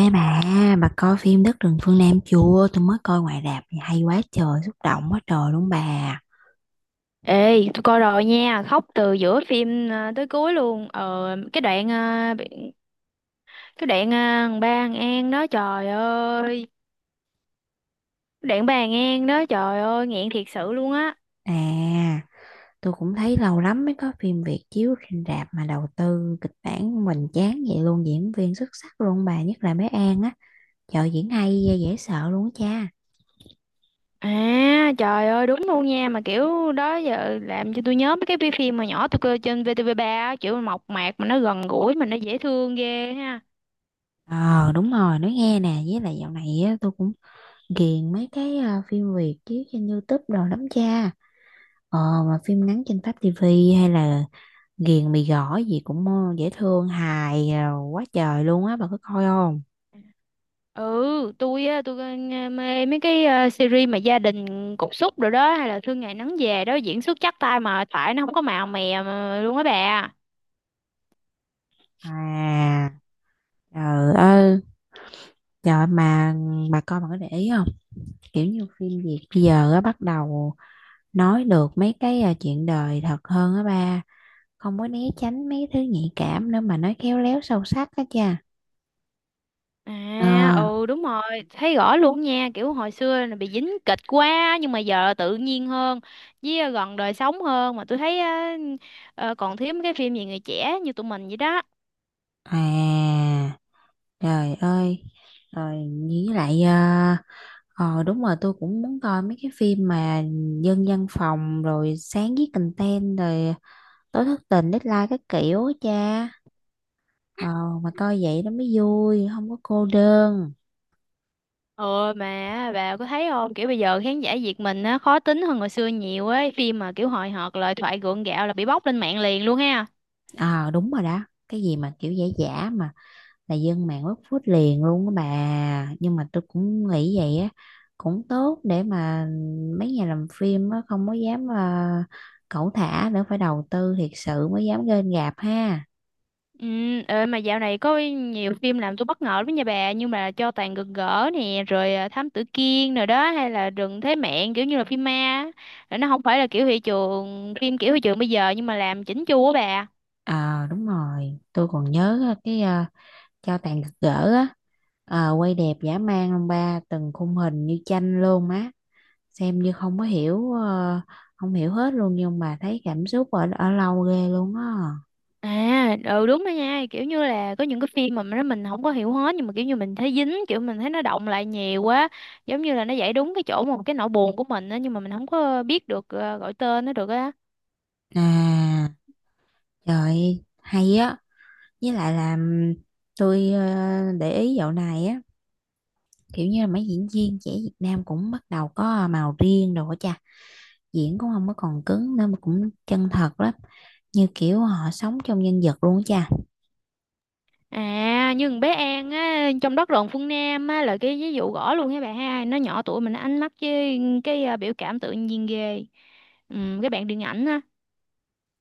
Ê bà coi phim Đất rừng phương Nam chưa? Tôi mới coi ngoài rạp, hay quá trời, xúc động quá trời luôn bà. Ê, tôi coi rồi nha, khóc từ giữa phim à, tới cuối luôn. Cái đoạn à, thằng ba An An đó trời ơi, cái đoạn ba An An đó trời ơi, nghẹn thiệt sự luôn á. À, tôi cũng thấy lâu lắm mới có phim Việt chiếu trên rạp mà đầu tư kịch bản hoành chán vậy luôn, diễn viên xuất sắc luôn bà, nhất là bé An á. Trời diễn hay, dễ sợ luôn á cha. À, trời ơi đúng luôn nha, mà kiểu đó giờ làm cho tôi nhớ mấy cái phim mà nhỏ tôi coi trên VTV3 á, kiểu mộc mạc mà nó gần gũi mà nó dễ thương ghê ha. Ờ đúng rồi, nói nghe nè, với lại dạo này á, tôi cũng ghiền mấy cái phim Việt chiếu trên YouTube đồ lắm cha. Ờ, mà phim ngắn trên Pháp TV hay là Ghiền mì gõ gì cũng dễ thương hài quá trời luôn á bà có coi không? Ừ, tôi mê mấy cái series mà gia đình cục súc rồi đó, hay là Thương Ngày Nắng Về đó, diễn xuất chắc tay mà tại nó không có màu mè mà luôn á bà. À, trời ơi, trời mà bà coi bà có để ý không, kiểu như phim Việt bây giờ á bắt đầu nói được mấy cái chuyện đời thật hơn á ba, không có né tránh mấy thứ nhạy cảm nữa mà nói khéo léo sâu sắc á cha. Ờ, À, ừ đúng rồi. Thấy rõ luôn nha, kiểu hồi xưa là bị dính kịch quá nhưng mà giờ tự nhiên hơn với, gần đời sống hơn mà tôi thấy á. Còn thiếu mấy cái phim về người trẻ như tụi mình vậy đó. à trời ơi, rồi với lại ờ đúng rồi, tôi cũng muốn coi mấy cái phim mà dân văn phòng rồi sáng viết content rồi tối thất tình deadline các kiểu á cha. ờ mà coi vậy nó mới vui không có cô đơn. Ừ, mà bà có thấy không? Kiểu bây giờ khán giả Việt mình á khó tính hơn hồi xưa nhiều ấy, phim mà kiểu hời hợt, lời thoại gượng gạo là bị bóc lên mạng liền luôn ha. Ờ đúng rồi đó, cái gì mà kiểu giả giả mà là dân mạng quất phút liền luôn á bà, nhưng mà tôi cũng nghĩ vậy á, cũng tốt để mà mấy nhà làm phim á không có dám cẩu thả nữa, phải đầu tư thiệt sự mới dám lên gạp ha. Ừ. Mà dạo này có nhiều phim làm tôi bất ngờ lắm nha bà, nhưng mà Cho Tàn Gật Gỡ nè, rồi Thám Tử Kiên rồi đó, hay là Rừng Thế Mẹn, kiểu như là phim ma á. Rồi nó không phải là kiểu thị trường, phim kiểu thị trường bây giờ nhưng mà làm chỉnh chu á bà. Ờ đúng rồi, tôi còn nhớ á, cái cho tàn gật gỡ á, ờ, quay đẹp dã man ông ba, từng khung hình như tranh luôn á, xem như không có hiểu không hiểu hết luôn nhưng mà thấy cảm xúc ở ở lâu ghê luôn á. À, ừ đúng đó nha, kiểu như là có những cái phim mà nó mình không có hiểu hết nhưng mà kiểu như mình thấy dính, kiểu mình thấy nó động lại nhiều quá, giống như là nó giải đúng cái chỗ mà cái nỗi buồn của mình á, nhưng mà mình không có biết được gọi tên nó được á. À, trời hay á, với lại là tôi để ý dạo này á, kiểu như là mấy diễn viên trẻ Việt Nam cũng bắt đầu có màu riêng rồi á cha. Diễn cũng không có còn cứng nữa mà cũng chân thật lắm, như kiểu họ sống trong nhân vật luôn á cha. À, như con bé An á trong Đất Rộn Phương Nam á là cái ví dụ rõ luôn nha bà ha, nó nhỏ tuổi mình nó ánh mắt với cái biểu cảm tự nhiên ghê. Ừ, cái bạn điện ảnh á.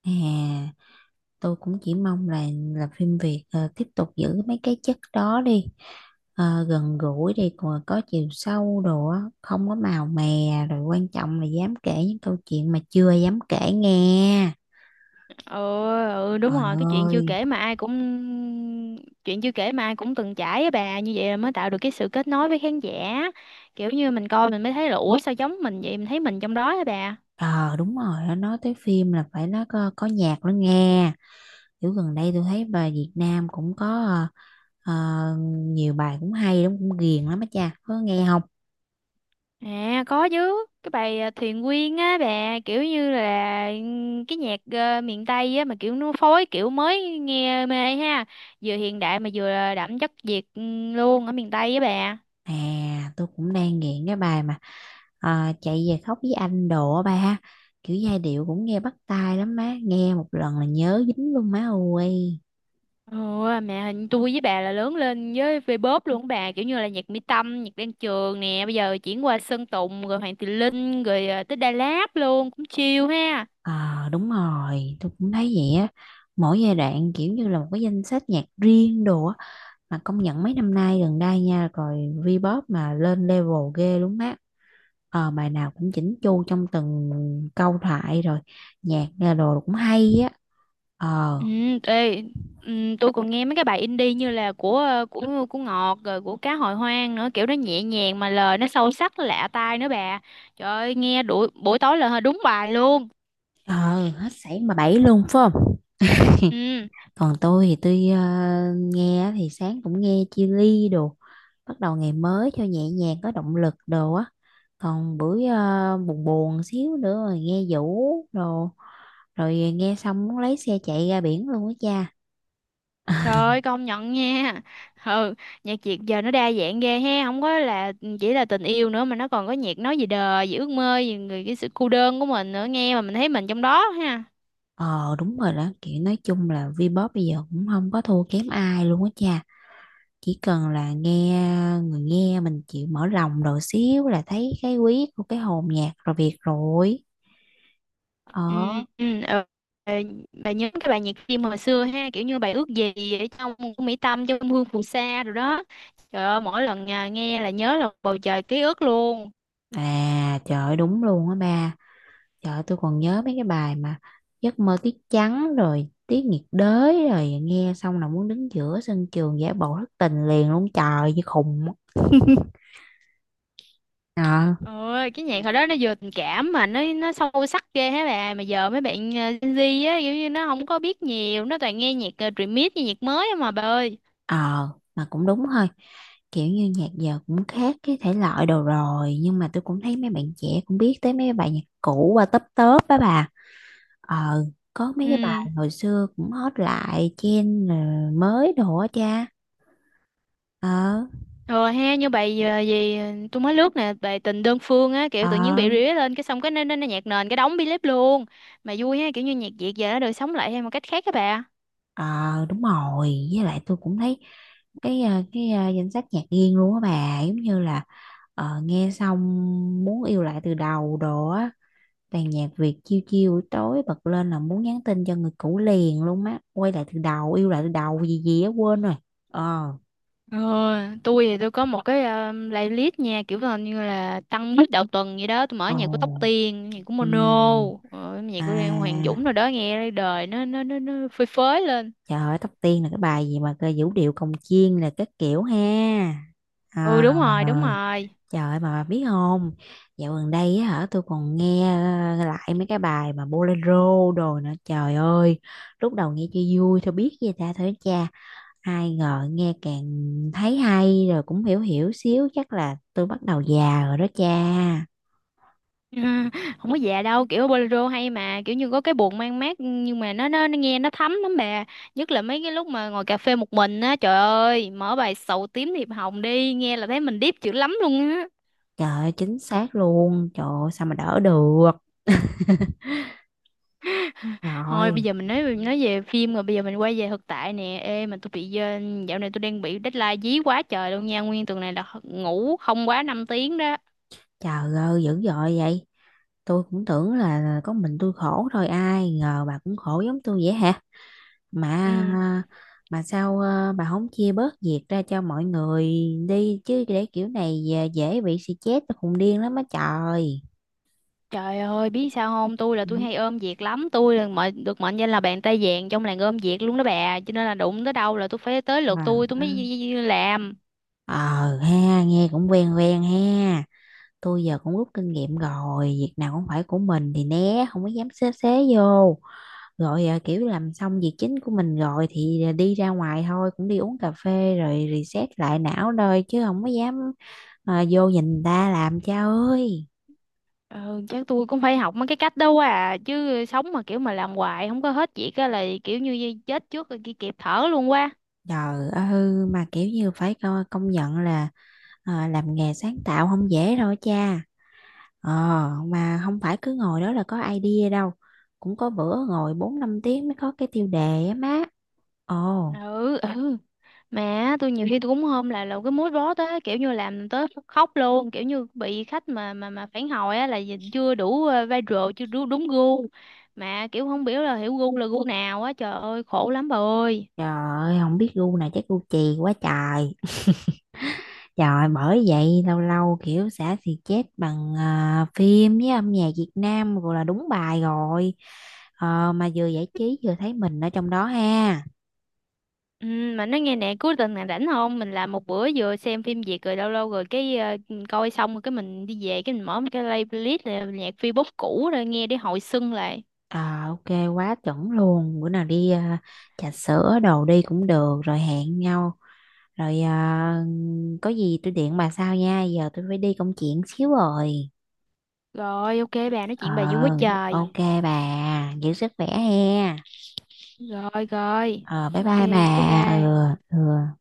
À tôi cũng chỉ mong là phim Việt tiếp tục giữ mấy cái chất đó đi. Ờ, gần gũi đi còn có chiều sâu đồ á, không có màu mè, rồi quan trọng là dám kể những câu chuyện mà chưa dám kể nghe. Ừ, ừ đúng Trời rồi. Cái chuyện chưa ơi, kể mà ai cũng Chuyện chưa kể mà ai cũng từng trải á bà, như vậy là mới tạo được cái sự kết nối với khán giả, kiểu như mình coi mình mới thấy là ủa sao giống mình vậy, mình thấy mình trong đó á bà. ờ à, đúng rồi, nói tới phim là phải nó có nhạc nữa nghe. Kiểu gần đây tôi thấy bài Việt Nam cũng có nhiều bài cũng hay lắm, cũng ghiền lắm á cha, có nghe không? À, có chứ. Cái bài Thuyền Quyên á bà, kiểu như là cái nhạc miền Tây á mà kiểu nó phối kiểu mới nghe mê ha. Vừa hiện đại mà vừa đậm chất Việt luôn ở miền Tây á bà. À tôi cũng đang nghiện cái bài mà chạy về khóc với anh đồ á ba ha, kiểu giai điệu cũng nghe bắt tai lắm má, nghe một lần là nhớ dính luôn má ơi. Ủa, mẹ hình tôi với bà là lớn lên với V-pop luôn á bà, kiểu như là nhạc Mỹ Tâm, nhạc Đan Trường nè, bây giờ chuyển qua Sơn Tùng rồi Hoàng Tùng Linh rồi tới Đà Lạt luôn cũng chill ha. Ờ đúng rồi tôi cũng thấy vậy á, mỗi giai đoạn kiểu như là một cái danh sách nhạc riêng đồ á, mà công nhận mấy năm nay gần đây nha rồi Vbop mà lên level ghê luôn má. Ờ, bài nào cũng chỉnh chu trong từng câu thoại rồi nhạc nghe đồ cũng hay á. Ờ, Ừ. Ê, ừ, tôi còn nghe mấy cái bài indie như là của của Ngọt, rồi của Cá Hồi Hoang nữa, kiểu nó nhẹ nhàng mà lời nó sâu sắc lạ tai nữa bà. Trời ơi nghe đuổi, buổi tối là đúng bài luôn. ờ hết sảy mà bảy luôn phải không? Ừ. Còn tôi thì tôi nghe thì sáng cũng nghe chia ly đồ, bắt đầu ngày mới cho nhẹ nhàng có động lực đồ á, còn buổi buồn buồn xíu nữa rồi nghe Vũ đồ, rồi nghe xong muốn lấy xe chạy ra biển luôn á cha. Trời ơi, công nhận nha. Ừ, nhạc Việt giờ nó đa dạng ghê ha, không có là chỉ là tình yêu nữa mà nó còn có nhạc nói về đời, về ước mơ, về người, cái sự cô đơn của mình nữa, nghe mà mình thấy mình trong đó ha. Ờ đúng rồi đó, kiểu nói chung là Vbox bây giờ cũng không có thua kém ai luôn á cha, chỉ cần là nghe, người nghe mình chịu mở lòng rồi xíu là thấy cái quý của cái hồn nhạc rồi việc rồi. Ừ, Ờ ừ, ừ. Ờ, Bà nhớ cái bài nhạc phim hồi xưa ha, kiểu như bài Ước Gì ở trong của Mỹ Tâm trong Hương Phù Sa rồi đó. Trời ơi, mỗi lần nghe là nhớ là bầu trời ký ức luôn. à trời ơi, đúng luôn á ba, trời ơi, tôi còn nhớ mấy cái bài mà giấc mơ tiết trắng rồi tiết nhiệt đới, rồi nghe xong là muốn đứng giữa sân trường giả bộ thất tình liền luôn, trời như khùng á. Ờ, Ơi, cái nhạc hồi đó nó vừa tình cảm mà nó sâu sắc ghê hả bà. Mà giờ mấy bạn Gen Z á kiểu như nó không có biết nhiều, nó toàn nghe nhạc remix với nhạc mới á mà bà ơi. ờ mà cũng đúng thôi, kiểu như nhạc giờ cũng khác cái thể loại đồ rồi, nhưng mà tôi cũng thấy mấy bạn trẻ cũng biết tới mấy bài nhạc cũ qua tấp tớp á bà. Ờ, có mấy Ừ, cái bài hồi xưa cũng hot lại trên rồi mới đồ á cha. ờ rồi ha, như bài tôi mới lướt nè bài Tình Đơn Phương á, kiểu tự nhiên ờ bị rỉa lên cái xong cái nó nhạc nền cái đóng bi lép luôn. Mà vui ha, kiểu như nhạc Việt giờ nó được sống lại theo một cách khác các bà. ờ Đúng rồi với lại tôi cũng thấy cái danh sách nhạc riêng luôn á bà, giống như là nghe xong muốn yêu lại từ đầu đồ á, toàn nhạc Việt chiêu chiêu buổi tối bật lên là muốn nhắn tin cho người cũ liền luôn á, quay lại từ đầu yêu lại từ đầu gì gì á quên rồi. Ờ, Ờ, tôi thì tôi có một cái playlist nha, kiểu là như là tăng bít đầu tuần vậy đó, tôi mở ồ, nhạc của Tóc Tiên, nhạc của Mono, ừm, nhạc à, của Hoàng Dũng rồi đó, nghe đời nó phơi phới lên. trời ơi, tóc tiên là cái bài gì mà cơ vũ điệu cồng chiên là các kiểu ha. Ừ, À, đúng rồi, đúng rồi. trời ơi, mà bà biết không? Dạo gần đây á hả, tôi còn nghe lại mấy cái bài mà bolero đồ nữa. Trời ơi, lúc đầu nghe cho vui thôi biết gì ta thôi cha. Ai ngờ nghe càng thấy hay rồi cũng hiểu hiểu xíu. Chắc là tôi bắt đầu già rồi đó cha. Không có già đâu, kiểu bolero hay mà kiểu như có cái buồn mang mát nhưng mà nó nghe nó thấm lắm bà, nhất là mấy cái lúc mà ngồi cà phê một mình á, trời ơi, mở bài Sầu Tím Thiệp Hồng đi nghe là thấy mình deep dữ lắm luôn. Trời ơi, chính xác luôn. Trời ơi, sao mà đỡ được. Thôi bây Rồi. giờ mình nói về phim rồi, bây giờ mình quay về thực tại nè. Ê mà tôi bị, dạo này tôi đang bị deadline dí quá trời luôn nha. Nguyên tuần này là ngủ không quá 5 tiếng đó. Trời ơi, dữ dội vậy. Tôi cũng tưởng là có mình tôi khổ thôi, ai ngờ bà cũng khổ giống tôi vậy hả? Mà Ừ. mà sao bà không chia bớt việc ra cho mọi người đi chứ, để kiểu này dễ dễ bị stress, tôi khùng điên lắm á trời. Trời ơi, biết sao không? Tôi là tôi Ừ. hay ôm việc lắm, tôi là mệnh được mệnh danh là bàn tay vàng trong làng ôm việc luôn đó bà, cho nên là đụng tới đâu là tôi phải tới lượt Mà tôi mới làm. ờ ha, nghe cũng quen quen ha. Tôi giờ cũng rút kinh nghiệm rồi, việc nào cũng phải của mình thì né, không có dám xế xế vô. Rồi à, kiểu làm xong việc chính của mình rồi thì à, đi ra ngoài thôi, cũng đi uống cà phê rồi reset lại não thôi, chứ không có dám à, vô nhìn người ta làm cha ơi. Ừ, chắc tôi cũng phải học mấy cái cách đâu à, chứ sống mà kiểu mà làm hoài không có hết việc á là kiểu như chết trước rồi kia kịp thở luôn quá. Trời ơi mà kiểu như phải công nhận là à, làm nghề sáng tạo không dễ đâu cha. ờ mà không phải cứ ngồi đó là có idea đâu, cũng có bữa ngồi 4 5 tiếng mới có cái tiêu đề á má. Ồ, Ừ, ừ. Mà tôi nhiều khi tôi cũng hôm là cái mood board á, kiểu như làm tới khóc luôn, kiểu như bị khách mà phản hồi á là chưa đủ viral, chưa đủ đúng gu mà kiểu không biết là hiểu gu là gu nào á, trời ơi khổ lắm bà ơi. trời ơi, không biết gu này chắc gu chì quá trời. Trời bởi vậy lâu lâu kiểu xả thì chết bằng à, phim với âm nhạc Việt Nam rồi là đúng bài rồi. Ờ, mà vừa giải trí vừa thấy mình ở trong đó ha. Ừ, mà nói nghe nè, cuối tuần này rảnh không? Mình làm một bữa vừa xem phim Việt rồi lâu lâu rồi cái, coi xong rồi cái mình đi về cái mình mở một cái playlist là nhạc Vbox cũ rồi nghe để hồi xuân lại. Ờ, ok, quá chuẩn luôn, bữa nào đi à, trà sữa đồ đi cũng được, rồi hẹn nhau rồi à, có gì tôi điện bà sau nha, giờ tôi phải đi công chuyện xíu rồi. Rồi, ok, bà nói Ờ, chuyện bà vui quá trời. ok, bà giữ sức khỏe he. Rồi, rồi, Ờ, bye ok, bye bà, bye ừ, bye. ừ.